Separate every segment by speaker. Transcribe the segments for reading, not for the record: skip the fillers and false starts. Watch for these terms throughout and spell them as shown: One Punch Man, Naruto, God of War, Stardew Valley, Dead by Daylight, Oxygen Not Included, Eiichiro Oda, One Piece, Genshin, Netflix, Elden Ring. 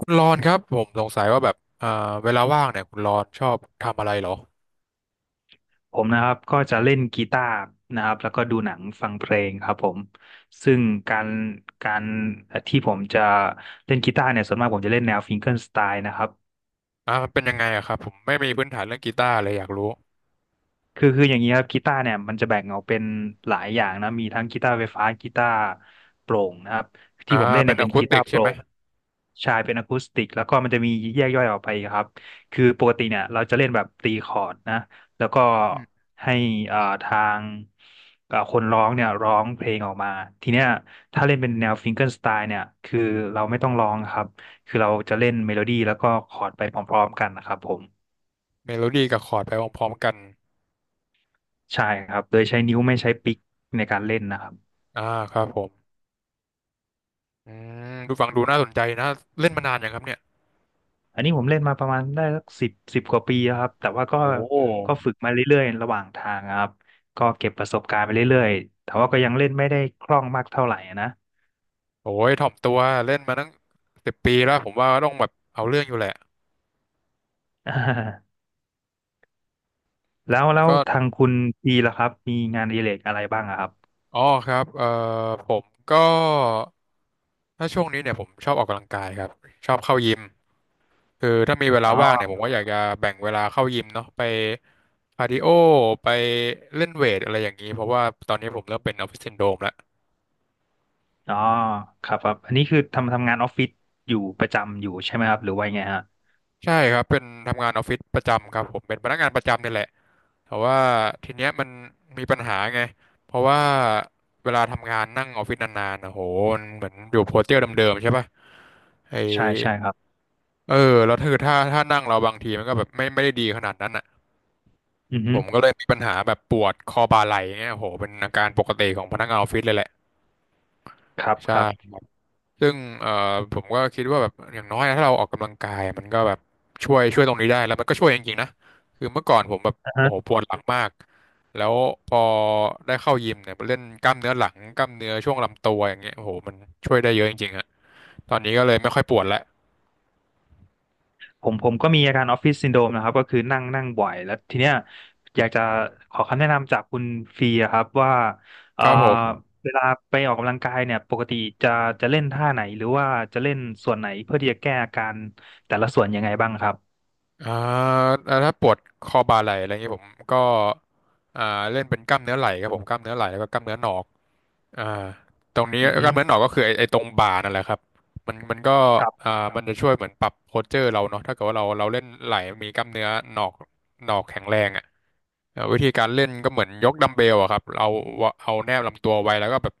Speaker 1: คุณรอนครับผมสงสัยว่าแบบเวลาว่างเนี่ยคุณรอนชอบทำอะไรเหรอ
Speaker 2: ผมนะครับก็จะเล่นกีตาร์นะครับแล้วก็ดูหนังฟังเพลงครับผมซึ่งการการที่ผมจะเล่นกีตาร์เนี่ยส่วนมากผมจะเล่นแนวฟิงเกอร์สไตล์นะครับ
Speaker 1: มันเป็นยังไงอะครับผมไม่มีพื้นฐานเรื่องกีตาร์เลยอยากรู้
Speaker 2: คืออย่างนี้ครับกีตาร์เนี่ยมันจะแบ่งออกเป็นหลายอย่างนะมีทั้งกีตาร์ไฟฟ้ากีตาร์โปร่งนะครับที่
Speaker 1: อ่า
Speaker 2: ผมเล่น
Speaker 1: เป็
Speaker 2: เนี่
Speaker 1: น
Speaker 2: ย
Speaker 1: อะ
Speaker 2: เป็น
Speaker 1: คูส
Speaker 2: กี
Speaker 1: ติ
Speaker 2: ตา
Speaker 1: ก
Speaker 2: ร์โป
Speaker 1: ใช่
Speaker 2: ร่
Speaker 1: ไหม
Speaker 2: งใช่เป็นอะคูสติกแล้วก็มันจะมีแยกย่อยออกไปครับคือปกติเนี่ยเราจะเล่นแบบตีคอร์ดนะแล้วก็
Speaker 1: อืม
Speaker 2: ให้ทางคนร้องเนี่ยร้องเพลงออกมาทีเนี้ยถ้าเล่นเป็นแนวฟิงเกิลสไตล์เนี่ยคือเราไม่ต้องร้องครับคือเราจะเล่นเมโลดี้แล้วก็คอร์ดไปพร้อมๆกันนะครับผม
Speaker 1: เมโลดี้กับคอร์ดไปพร้อมๆกัน
Speaker 2: ใช่ครับ โดยใช้นิ้วไม่ใช้ปิกในการเล่นนะครับ
Speaker 1: อ่าครับผมอืมดูฟังดูน่าสนใจนะเล่นมานานยังครับเนี่ย
Speaker 2: อันนี้ผมเล่นมาประมาณได้สักสิบกว่าปีแล้วครับ แต่ว่าก็
Speaker 1: โอ้
Speaker 2: ก็ฝึกมาเรื่อยๆระหว่างทางครับก็เก็บประสบการณ์ไปเรื่อยๆแต่ว่าก็ยังเล่นไม่ได้คล่องมากเท่าไหร่นะ
Speaker 1: โหทยถ่อมตัวเล่นมาตั้ง10 ปีแล้วผมว่าต้องแบบเอาเรื่องอยู่แหละ
Speaker 2: อ่าแล้ว
Speaker 1: ก็
Speaker 2: ทางคุณปีล่ะครับ มีงานอดิเรกอะไรบ้างอะครับ
Speaker 1: อ๋อครับผมก็ถ้าช่วงนี้เนี่ยผมชอบออกกำลังกายครับชอบเข้ายิม คือถ้ามีเวลา
Speaker 2: อ๋อ
Speaker 1: ว่างเนี่ยผมก็อยากจะแบ่งเวลาเข้ายิมเนาะไปคาร์ดิโอไปเล่นเวทอะไรอย่างนี้เพราะว่าตอนนี้ผมเริ่มเป็นออฟฟิศซินโดรมแล้ว
Speaker 2: อ๋อครับครับ อันนี้คือทำงานออฟฟิศอยู่ประจำอยู่ใช่ไหมครับหรือว่ายังไงฮะ
Speaker 1: ใช่ครับเป็นทำงานออฟฟิศประจำครับผมเป็นพนักงานประจำนี่แหละแต่ว่าทีเนี้ยมันมีปัญหาไงเพราะว่าเวลาทำงานนั่งออฟฟิศนานๆนะโหมันเหมือนอยู่โพสเจอร์เดิมๆใช่ป่ะไอ
Speaker 2: ใช่ใช่ครับ
Speaker 1: เออแล้วคือถ้านั่งเราบางทีมันก็แบบไม่ได้ดีขนาดนั้นอ่ะ
Speaker 2: อือฮึ
Speaker 1: ผมก็เลยมีปัญหาแบบปวดคอบ่าไหล่เนี่ยโหเป็นอาการปกติของพนักงานออฟฟิศเลยแหละ
Speaker 2: ครับ
Speaker 1: ใช่
Speaker 2: ครับ
Speaker 1: ครับซึ่งผมก็คิดว่าแบบอย่างน้อยนะถ้าเราออกกำลังกายมันก็แบบช่วยตรงนี้ได้แล้วมันก็ช่วยจริงๆนะคือเมื่อก่อนผมแบบโอ้โหปวดหลังมากแล้วพอได้เข้ายิมเนี่ยไปเล่นกล้ามเนื้อหลังกล้ามเนื้อช่วงลำตัวอย่างเงี้ยโอ้โหมันช่วยได้เยอะจริงๆฮะตอนนี้ก็เลยไม่ค่อยปวดแล้ว
Speaker 2: ผมก็มีอาการออฟฟิศซินโดรมนะครับก็คือนั่งนั่งบ่อยแล้วทีเนี้ยอยากจะขอคำแนะนำจากคุณฟรีอะครับว่าเอ่
Speaker 1: ค
Speaker 2: อ
Speaker 1: รับผม
Speaker 2: เวลาไปออกกำลังกายเนี่ยปกติจะจะเล่นท่าไหนหรือว่าจะเล่นส่วนไหนเพื่อที่จะแก้อาการแต่ละส่วนยังไงบ้างครับ
Speaker 1: อ่าแล้วถ้าปวดคอบ่าไหล่อะไรเงงี้ยผมก็อ่าเล่นเป็นกล้ามเนื้อไหล่ครับผมกล้ามเนื้อไหล่แล้วก็กล้ามเนื้อหนอกอ่าตรงนี้
Speaker 2: อือ
Speaker 1: ก
Speaker 2: ฮึ
Speaker 1: ล้ามเนื้อหนอกก็คือไอ้ตรงบ่านั่นแหละครับมันก็
Speaker 2: ครั
Speaker 1: อ่า
Speaker 2: บ
Speaker 1: มันจะช่วยเหมือนปรับโพสเจอร์เราเนาะถ้าเกิดว่าเราเล่นไหล่มีกล้ามเนื้อหนอกหนอกแข็งแรงอ่ะอ่าวิธีการเล่นก็เหมือนยกดัมเบลอะครับเราเอาแนบลำตัวไว้แล้วก็แบบ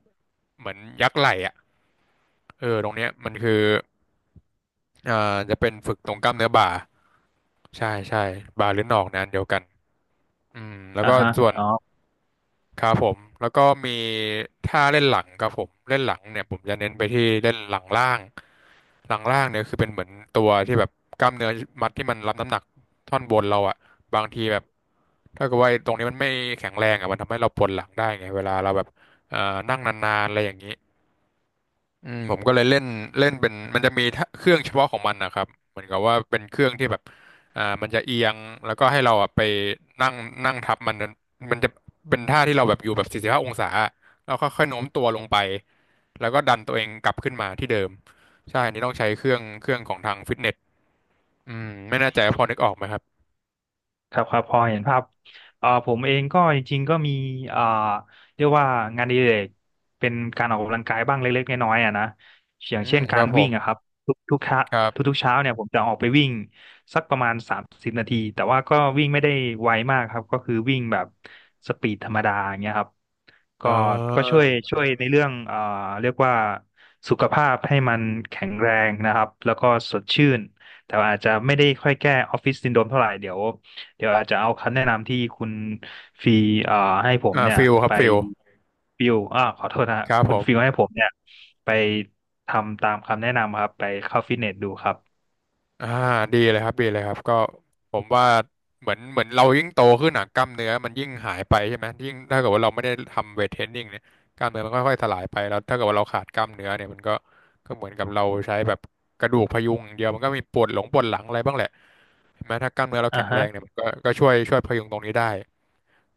Speaker 1: เหมือนยักไหล่อ่ะเออตรงเนี้ยมันคืออ่าจะเป็นฝึกตรงกล้ามเนื้อบ่าใช่บ่าหรือหนอกนะอันเดียวกัน อืมแล้ว
Speaker 2: อ่า
Speaker 1: ก็
Speaker 2: ฮะ
Speaker 1: ส่วน
Speaker 2: อ๋อ
Speaker 1: ครับผมแล้วก็มีท่าเล่นหลังครับผมเล่นหลังเนี่ยผมจะเน้นไปที่เล่นหลังล่างหลังล่างเนี่ยคือเป็นเหมือนตัวที่แบบกล้ามเนื้อมัดที่มันรับน้ำหนักท่อนบนเราอะบางทีแบบถ้าเกิดว่าไอ้ตรงนี้มันไม่แข็งแรงอะมันทำให้เราปวดหลังได้ไงเวลาเราแบบเอ่อนั่งนานๆอะไรอย่างนี้ อืมผมก็เลยเล่นเล่นเป็นมันจะมีถ้าเครื่องเฉพาะของมันนะครับเหมือนกับว่าเป็นเครื่องที่แบบมันจะเอียงแล้วก็ให้เราอ่ะไปนั่งนั่งทับมันนั้นมันจะเป็นท่าที่เราแบบอยู่แบบ45 องศาแล้วค่อยๆโน้มตัวลงไปแล้วก็ดันตัวเองกลับขึ้นมาที่เดิมใช่อันนี้ต้องใช้เครื่องของทางฟิตเนสอืมไม่แน่ใจว่าพอนึกออกไหมครับ
Speaker 2: ครับครับพอเห็นภาพผมเองก็จริงๆก็มีเอ่อเรียกว่างานอดิเรกเป็นการออกกำลังกายบ้างเล็กๆน้อยๆอ่ะนะอย่า
Speaker 1: อื
Speaker 2: งเช่
Speaker 1: ม
Speaker 2: น
Speaker 1: ค
Speaker 2: กา
Speaker 1: รั
Speaker 2: ร
Speaker 1: บผ
Speaker 2: วิ่ง
Speaker 1: ม
Speaker 2: อะครับทุกเช้า
Speaker 1: ครับ
Speaker 2: ทุกๆเช้าเนี่ยผมจะออกไปวิ่งสักประมาณ30 นาทีแต่ว่าก็วิ่งไม่ได้ไวมากครับก็คือวิ่งแบบสปีดธรรมดาอย่างเงี้ยครับ
Speaker 1: อ่
Speaker 2: ก็ก็ช่วย
Speaker 1: า
Speaker 2: ช่วยในเรื่องเรียกว่าสุขภาพให้มันแข็งแรงนะครับแล้วก็สดชื่นแต่ว่าอาจจะไม่ได้ค่อยแก้ออฟฟิศซินโดรมเท่าไหร่เดี๋ยวอาจจะเอาคำแนะนำที่คุณฟีเอ่อให้ผม
Speaker 1: อ่า
Speaker 2: เนี่ย
Speaker 1: ฟิลครั
Speaker 2: ไป
Speaker 1: บฟิล
Speaker 2: ฟิวอ่าขอโทษนะฮะ
Speaker 1: ครับผ
Speaker 2: คุณฟิว
Speaker 1: ม
Speaker 2: ให้ผมเนี่ยไปทำตามคำแนะนำครับไปเข้าฟิตเนสดูครับ
Speaker 1: อ่าดีเลยครับดีเลยครับก็ผมว่าเหมือนเรายิ่งโตขึ้นหนักกล้ามเนื้อมันยิ่งหายไปใช่ไหมยิ่งถ้าเกิดว่าเราไม่ได้ทำเวทเทรนนิ่งเนี่ยกล้ามเนื้อมันค่อยๆสลายไปแล้วถ้าเกิดว่าเราขาดกล้ามเนื้อเนี่ยมันก็ก็เหมือนกับเราใช้แบบกระดูกพยุงอย่างเดียวมันก็มีปวดหลงปวดหลังอะไรบ้างแหละใช่ไหมถ้ากล้ามเนื้อเรา
Speaker 2: อ่า
Speaker 1: แข็งแร
Speaker 2: ฮะ
Speaker 1: งเนี่ยมันก็ก็ช่วยพยุงตรงนี้ได้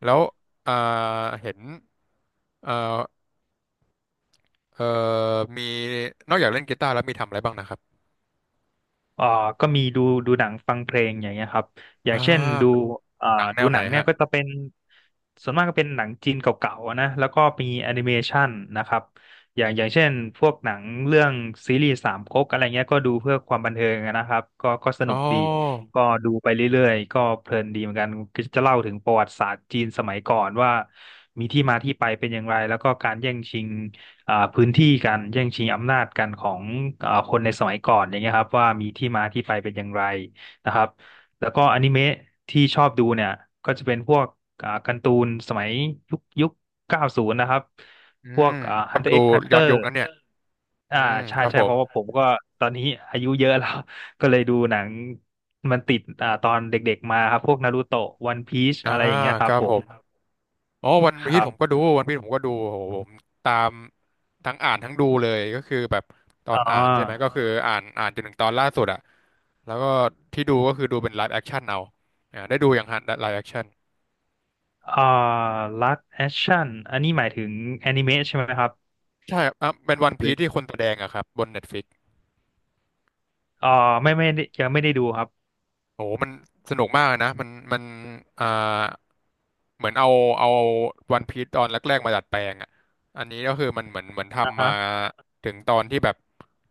Speaker 1: แล้วอ่าเห็นเอ่อเอ่อมีนอกจากเล่นกีตาร์แล้วมีทำอะไรบ้างนะครับ
Speaker 2: เอ่อก็มีดูหนังฟังเพลงอย่างเงี้ยครับอย่า
Speaker 1: อ่า
Speaker 2: งเช่นดู
Speaker 1: เป็น
Speaker 2: เอ่อ
Speaker 1: หนังแน
Speaker 2: ดู
Speaker 1: วไห
Speaker 2: ห
Speaker 1: น
Speaker 2: นังเนี่ย
Speaker 1: ฮะ
Speaker 2: ก็จะเป็นส่วนมากก็เป็นหนังจีนเก่าๆนะแล้วก็มีแอนิเมชันนะครับอย่างเช่นพวกหนังเรื่องซีรีส์สามก๊กอะไรเงี้ยก็ดูเพื่อความบันเทิงนะครับก็ส
Speaker 1: อ๋อ
Speaker 2: นุกดีก็ดูไปเรื่อยๆก็เพลินดีเหมือนกันก็จะเล่าถึงประวัติศาสตร์จีนสมัยก่อนว่ามีที่มาที่ไปเป็นอย่างไร แล้วก็การแย่งชิง พื้นที่การแย่งชิงอำนาจกันของคนในสมัยก่อนอย่างเงี้ยครับว่ามีที่มาที่ไปเป็นอย่างไรนะครับแล้วก็อนิเมะที่ชอบดูเนี่ยก็จะเป็นพวกการ์ตูนสมัยยุค90นะครับ
Speaker 1: อื
Speaker 2: พวก
Speaker 1: มก
Speaker 2: Hunter
Speaker 1: ดู
Speaker 2: x
Speaker 1: ย้อน
Speaker 2: Hunter
Speaker 1: ยุคนั้นเนี่ยอื
Speaker 2: อ่า
Speaker 1: ม
Speaker 2: ใช่
Speaker 1: ครับ
Speaker 2: ใช่
Speaker 1: ผ
Speaker 2: เพ
Speaker 1: ม
Speaker 2: ราะว่าผมก็ตอนนี้อายุเยอะแล้ว ก็เลยดูหนังมันติดตอนเด็กๆมาครับพวกนารูโตะวันพีช
Speaker 1: อ่า
Speaker 2: อะไรอย่างเงี้ยค
Speaker 1: ค
Speaker 2: รับ
Speaker 1: รับ
Speaker 2: ผ
Speaker 1: ผ
Speaker 2: ม
Speaker 1: มอ๋อวัน
Speaker 2: ค
Speaker 1: พีช
Speaker 2: รั
Speaker 1: ผ
Speaker 2: บ
Speaker 1: มก็ดูวันพีชผมก็ดูโหผมตามทั้งอ่านทั้งดูเลยก็คือแบบตอ
Speaker 2: อ๋
Speaker 1: น
Speaker 2: อ
Speaker 1: อ่านใช่ไหมก็คืออ่านจนถึงตอนล่าสุดอะแล้วก็ที่ดูก็คือดูเป็นไลฟ์แอคชั่นเอาอ่าได้ดูอย่างฮะไลฟ์แอคชั่น
Speaker 2: อ่าลักแอคชั่นอันนี้หมายถึงแอนิเมะใช่ไหมครับ
Speaker 1: ใช่ครับอ่ะเป็นวัน
Speaker 2: ห
Speaker 1: พีช
Speaker 2: รือ
Speaker 1: ที่คนแสดงอะครับบน Netflix
Speaker 2: อ่าไม่ได้ยังไม่ได้ดูครับ
Speaker 1: โอ้โหมันสนุกมากเลยนะมันอ่าเหมือนเอาวันพีซตอนแรกๆมาดัดแปลงอ่ะอันนี้ก็คือมันเหมือน
Speaker 2: อ่า
Speaker 1: ทำมา
Speaker 2: ฮะ
Speaker 1: ถึงตอนที่แบบ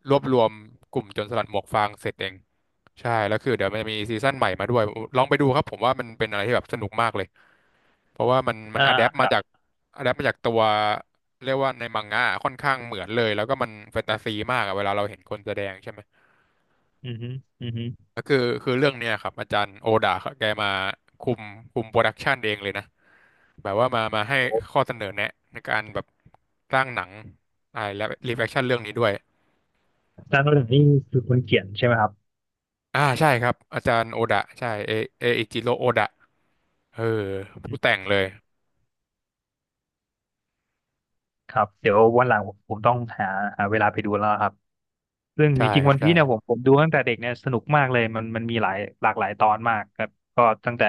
Speaker 1: รวบรวมกลุ่มโจรสลัดหมวกฟางเสร็จเองใช่แล้วคือเดี๋ยวมันจะมีซีซั่นใหม่มาด้วยลองไปดูครับผมว่ามันเป็นอะไรที่แบบสนุกมากเลยเพราะว่ามัน
Speaker 2: อ่
Speaker 1: อะแดป
Speaker 2: า
Speaker 1: มาจากอะแดปมาจากตัวเรียกว่าในมังงะค่อนข้างเหมือนเลยแล้วก็มันแฟนตาซีมากอะเวลาเราเห็นคนแสดงใช่ไหม
Speaker 2: อือฮึอือฮึ
Speaker 1: ก็คือคือเรื่องเนี้ยครับอาจารย์โอดาแกมาคุมคุมโปรดักชันเองเลยนะแบบว่ามาให้ข้อเสนอแนะในการแบบสร้างหนังอ่าและรีแฟคชั่นเรื่องนี้ด้วย
Speaker 2: อาจารย์โนดนี่คือคนเขียนใช่ไหมครับ
Speaker 1: อ่าใช่ครับอาจารย์โอดะใช่เอเออิจิโรโอดะเออ
Speaker 2: อื
Speaker 1: ผู้
Speaker 2: ม
Speaker 1: แต่งเลย
Speaker 2: ครับเดี๋ยววันหลังผมต้องหาเวลาไปดูแล้วครับ ซึ่งจ
Speaker 1: ใช่
Speaker 2: ริง
Speaker 1: ค
Speaker 2: ๆ
Speaker 1: รับ
Speaker 2: วันพี
Speaker 1: ใช่
Speaker 2: ซเนี่ยผมดูตั้งแต่เด็กเนี่ยสนุกมากเลยมันมีหลากหลายตอนมากครับก็ตั้งแต่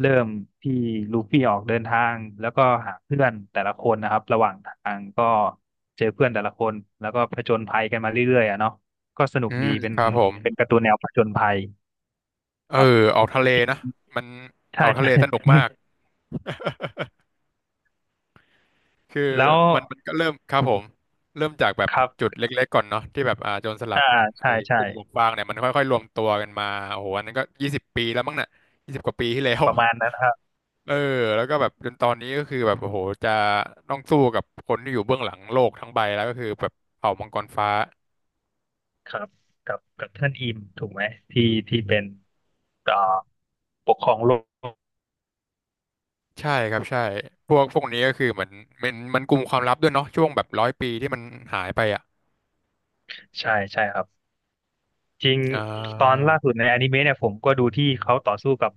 Speaker 2: เริ่มที่ลูฟี่ออกเดินทางแล้วก็หาเพื่อนแต่ละคนนะครับระหว่างทางก็เจอเพื่อนแต่ละคนแล้วก็ผจญภัยกันมาเรื่อยๆอะเนาะก็สนุก
Speaker 1: อื
Speaker 2: ดี
Speaker 1: ม
Speaker 2: เป็น
Speaker 1: ครับผม
Speaker 2: เป็นการ์ตูนแนวผจญภัย
Speaker 1: เอ
Speaker 2: ค
Speaker 1: อ
Speaker 2: รับ
Speaker 1: ออกทะ
Speaker 2: จ
Speaker 1: เล
Speaker 2: ริง
Speaker 1: นะมัน
Speaker 2: ๆ
Speaker 1: อ
Speaker 2: ใช่
Speaker 1: อกทะเล
Speaker 2: ใช่
Speaker 1: สนุกมาก คือ
Speaker 2: แล้ว
Speaker 1: มันก็เริ่มครับผมเริ่มจากแบบ
Speaker 2: ครับ
Speaker 1: จุดเล็กๆก่อนเนาะที่แบบอ่าโจรสลั
Speaker 2: อ่า
Speaker 1: ด
Speaker 2: ใช่
Speaker 1: ไอ้ก
Speaker 2: ใช่
Speaker 1: ลุ่มหมวกฟางเนี่ยมันค่อยๆรวมตัวกันมาโอ้โหอันนั้นก็20 ปีแล้วมั้งน่ะ20 กว่าปีที่แล้ว
Speaker 2: ประมาณนั้นครับ
Speaker 1: เออแล้วก็แบบจนตอนนี้ก็คือแบบโอ้โหจะต้องสู้กับคนที่อยู่เบื้องหลังโลกทั้งใบแล้วก็คือแบบเผ่ามังกรฟ้า
Speaker 2: ครับกับท่านอิมถูกไหมที่ที่เป็นเอ่อปกครองโลก
Speaker 1: ใช่ครับใช่พวกนี้ก็คือเหมือนมันกลุ่มความลับด้วยเนาะช่วงแบบ100 ปีที่มันหายไปอ่ะ
Speaker 2: ใช่ใช่ครับจริง
Speaker 1: อ่
Speaker 2: ตอน
Speaker 1: า
Speaker 2: ล่าสุดในอนิเมะเนี่ยผมก็ดูที่เขาต่อสู้กับ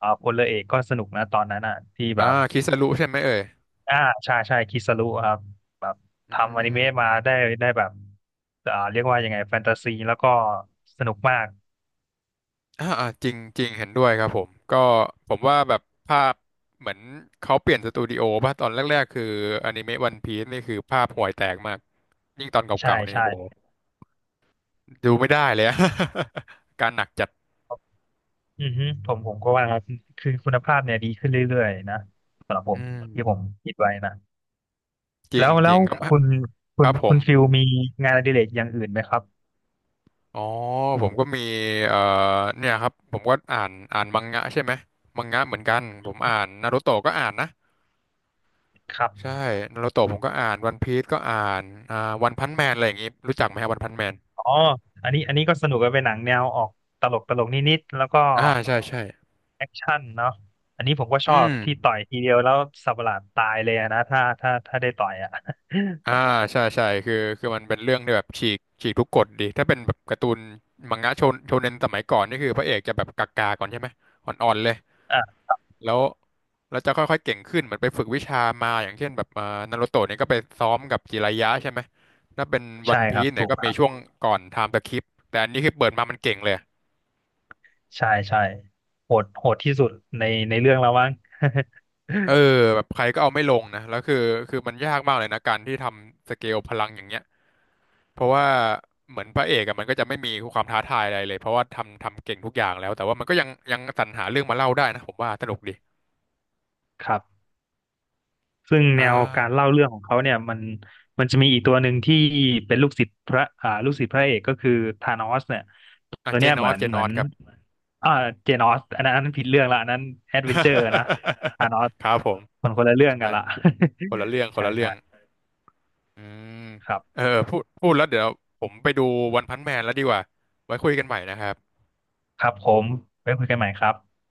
Speaker 2: พลเรือเอกก็สนุกนะตอนนั้นอ่ะที่แบ
Speaker 1: อ่า
Speaker 2: บ
Speaker 1: คิสรุใช่ไหมเอ่ย
Speaker 2: อ่าใช่ใช่คิสรุครับแบบ
Speaker 1: อื
Speaker 2: ทำอนิเมะมา
Speaker 1: ม
Speaker 2: ได้แบบเรียกว่ายังไงแฟนตาซีแล้วก็สนุกมาก
Speaker 1: อ่าอ่าจริงจริงเห็นด้วยครับผมก็ผมว่าแบบภาพเหมือนเขาเปลี่ยนสตูดิโอป่ะตอนแรกๆคืออนิเมะวันพีซนี่คือภาพห่วยแตกมากยิ่งตอน
Speaker 2: ใช่
Speaker 1: เก่าๆเนี่ย
Speaker 2: ใช่
Speaker 1: โหดูไม่ได้เลยอะ การหนักจัด
Speaker 2: อือฮึผมก็ว่าคือคุณภาพเนี่ยดีขึ้นเรื่อยๆนะสำหรับผ
Speaker 1: อื
Speaker 2: มที่ผม
Speaker 1: ม
Speaker 2: คิดไว้นะ
Speaker 1: จริ
Speaker 2: แล้
Speaker 1: ง
Speaker 2: ว
Speaker 1: จ
Speaker 2: แล้
Speaker 1: ริ
Speaker 2: ว
Speaker 1: งครับ
Speaker 2: คุณคุ
Speaker 1: ค
Speaker 2: ณ
Speaker 1: รับผ
Speaker 2: คุ
Speaker 1: ม
Speaker 2: ณฟิลมีงานอดิเรกอย่างอื่นไหมครับ
Speaker 1: อ๋อผมก็มีเอ่อเนี่ยครับผมก็อ่านมังงะใช่ไหมมังงะเหมือนกันผมอ่านนารูโตะก็อ่านนะ
Speaker 2: ครับ
Speaker 1: ใช่นารูโตะผมก็อ่านวันพีซก็อ่านอ่าวันพันแมนอะไรอย่างงี้รู้จักไหมฮะวันพันแมน
Speaker 2: อ๋ออันนี้ก็สนุกกันเป็นหนังแนวออกตลกตลกนิดๆแล้วก็
Speaker 1: อ่าใช่ใช่
Speaker 2: แอคชั่นเนาะอันนี้ผมก็ช
Speaker 1: อื
Speaker 2: อบ
Speaker 1: ม
Speaker 2: ที่ต่อยทีเดียวแล้วสับประหลาดตายเลยอะนะถ้าได้ต่อยอ่ะ
Speaker 1: อ่า ใช่ใช่คือ คือ มันเป็นเรื่องที่แบบ ฉีก ฉีกทุกกฎดีถ้าเป็นแบบการ์ตูนมังงะโชนโชเนนสมัยก่อน นี่คือพระเอกจะแบบกากๆก่อนใช่ไหมอ่อนๆเลย
Speaker 2: อ่ะ
Speaker 1: แล้ว แล้วจะค่อยๆ เก่งขึ้นเหมือนไปฝึกวิชามา อย่างเช่นแบบนารูโตะเนี่ยก็ไปซ้อมกับจิรายะใช่ไหมถ้าเป็นวั
Speaker 2: ใช่
Speaker 1: น
Speaker 2: ค
Speaker 1: พี
Speaker 2: รับ
Speaker 1: ซเนี่
Speaker 2: ถู
Speaker 1: ย
Speaker 2: ก
Speaker 1: ก็
Speaker 2: ค
Speaker 1: มี
Speaker 2: รั
Speaker 1: ช่ว
Speaker 2: บ
Speaker 1: งก่อนไทม์สคิปแต่อันนี้คือเปิดมามันเก่งเลย
Speaker 2: ใช่ใช่โหดโหดที่สุดในในเรื่องแล้วมั้ง
Speaker 1: เออแบบใครก็เอาไม่ลงนะแล้วคือคือมันยากมากเลยนะการที่ทำสเกลพลังอย่างเงี้ยเพราะว่าเหมือนพระเอกอะมันก็จะไม่มีความท้าทายอะไรเลยเพราะว่าทำเก่งทุกอย่างแล้วแต่ว่ามันก็ยังสรรหาเรื่องมาเล่าได้นะผมว่าสนุกดี
Speaker 2: ครับ ซึ่ง
Speaker 1: อ่
Speaker 2: แนวการ
Speaker 1: า
Speaker 2: เล่าเรื่องของเขาเนี่ยมันจะมีอีกตัวหนึ่งที่เป็นลูกศิษย์พระอ่าลูกศิษย์พระเอกก็คือธานอสเนี่ย
Speaker 1: อ่ะ
Speaker 2: ตัว
Speaker 1: เจ
Speaker 2: เนี้ย
Speaker 1: น
Speaker 2: เห
Speaker 1: อ
Speaker 2: มือ
Speaker 1: ส
Speaker 2: น
Speaker 1: เจ
Speaker 2: เห
Speaker 1: น
Speaker 2: มื
Speaker 1: อ
Speaker 2: อน
Speaker 1: สครับ
Speaker 2: อ่าเจนอสอันนั้นผิดเรื่องละอันนั้นแอดเวนเจอร์นะธานอส
Speaker 1: ครับผม
Speaker 2: มันคนละเรื่องกั
Speaker 1: ใช่
Speaker 2: นละ
Speaker 1: คนละเรื่อง คน
Speaker 2: ใช่
Speaker 1: ละเรื่อ
Speaker 2: ใช่
Speaker 1: งอืม
Speaker 2: ครั
Speaker 1: เอ
Speaker 2: บ
Speaker 1: อพูดแล้วเดี๋ยวผมไปดูวันพันแมนแล้วดีกว่าไว้คุยกันใหม่นะครับ
Speaker 2: ครับผมไว้คุยกันใหม่ครับ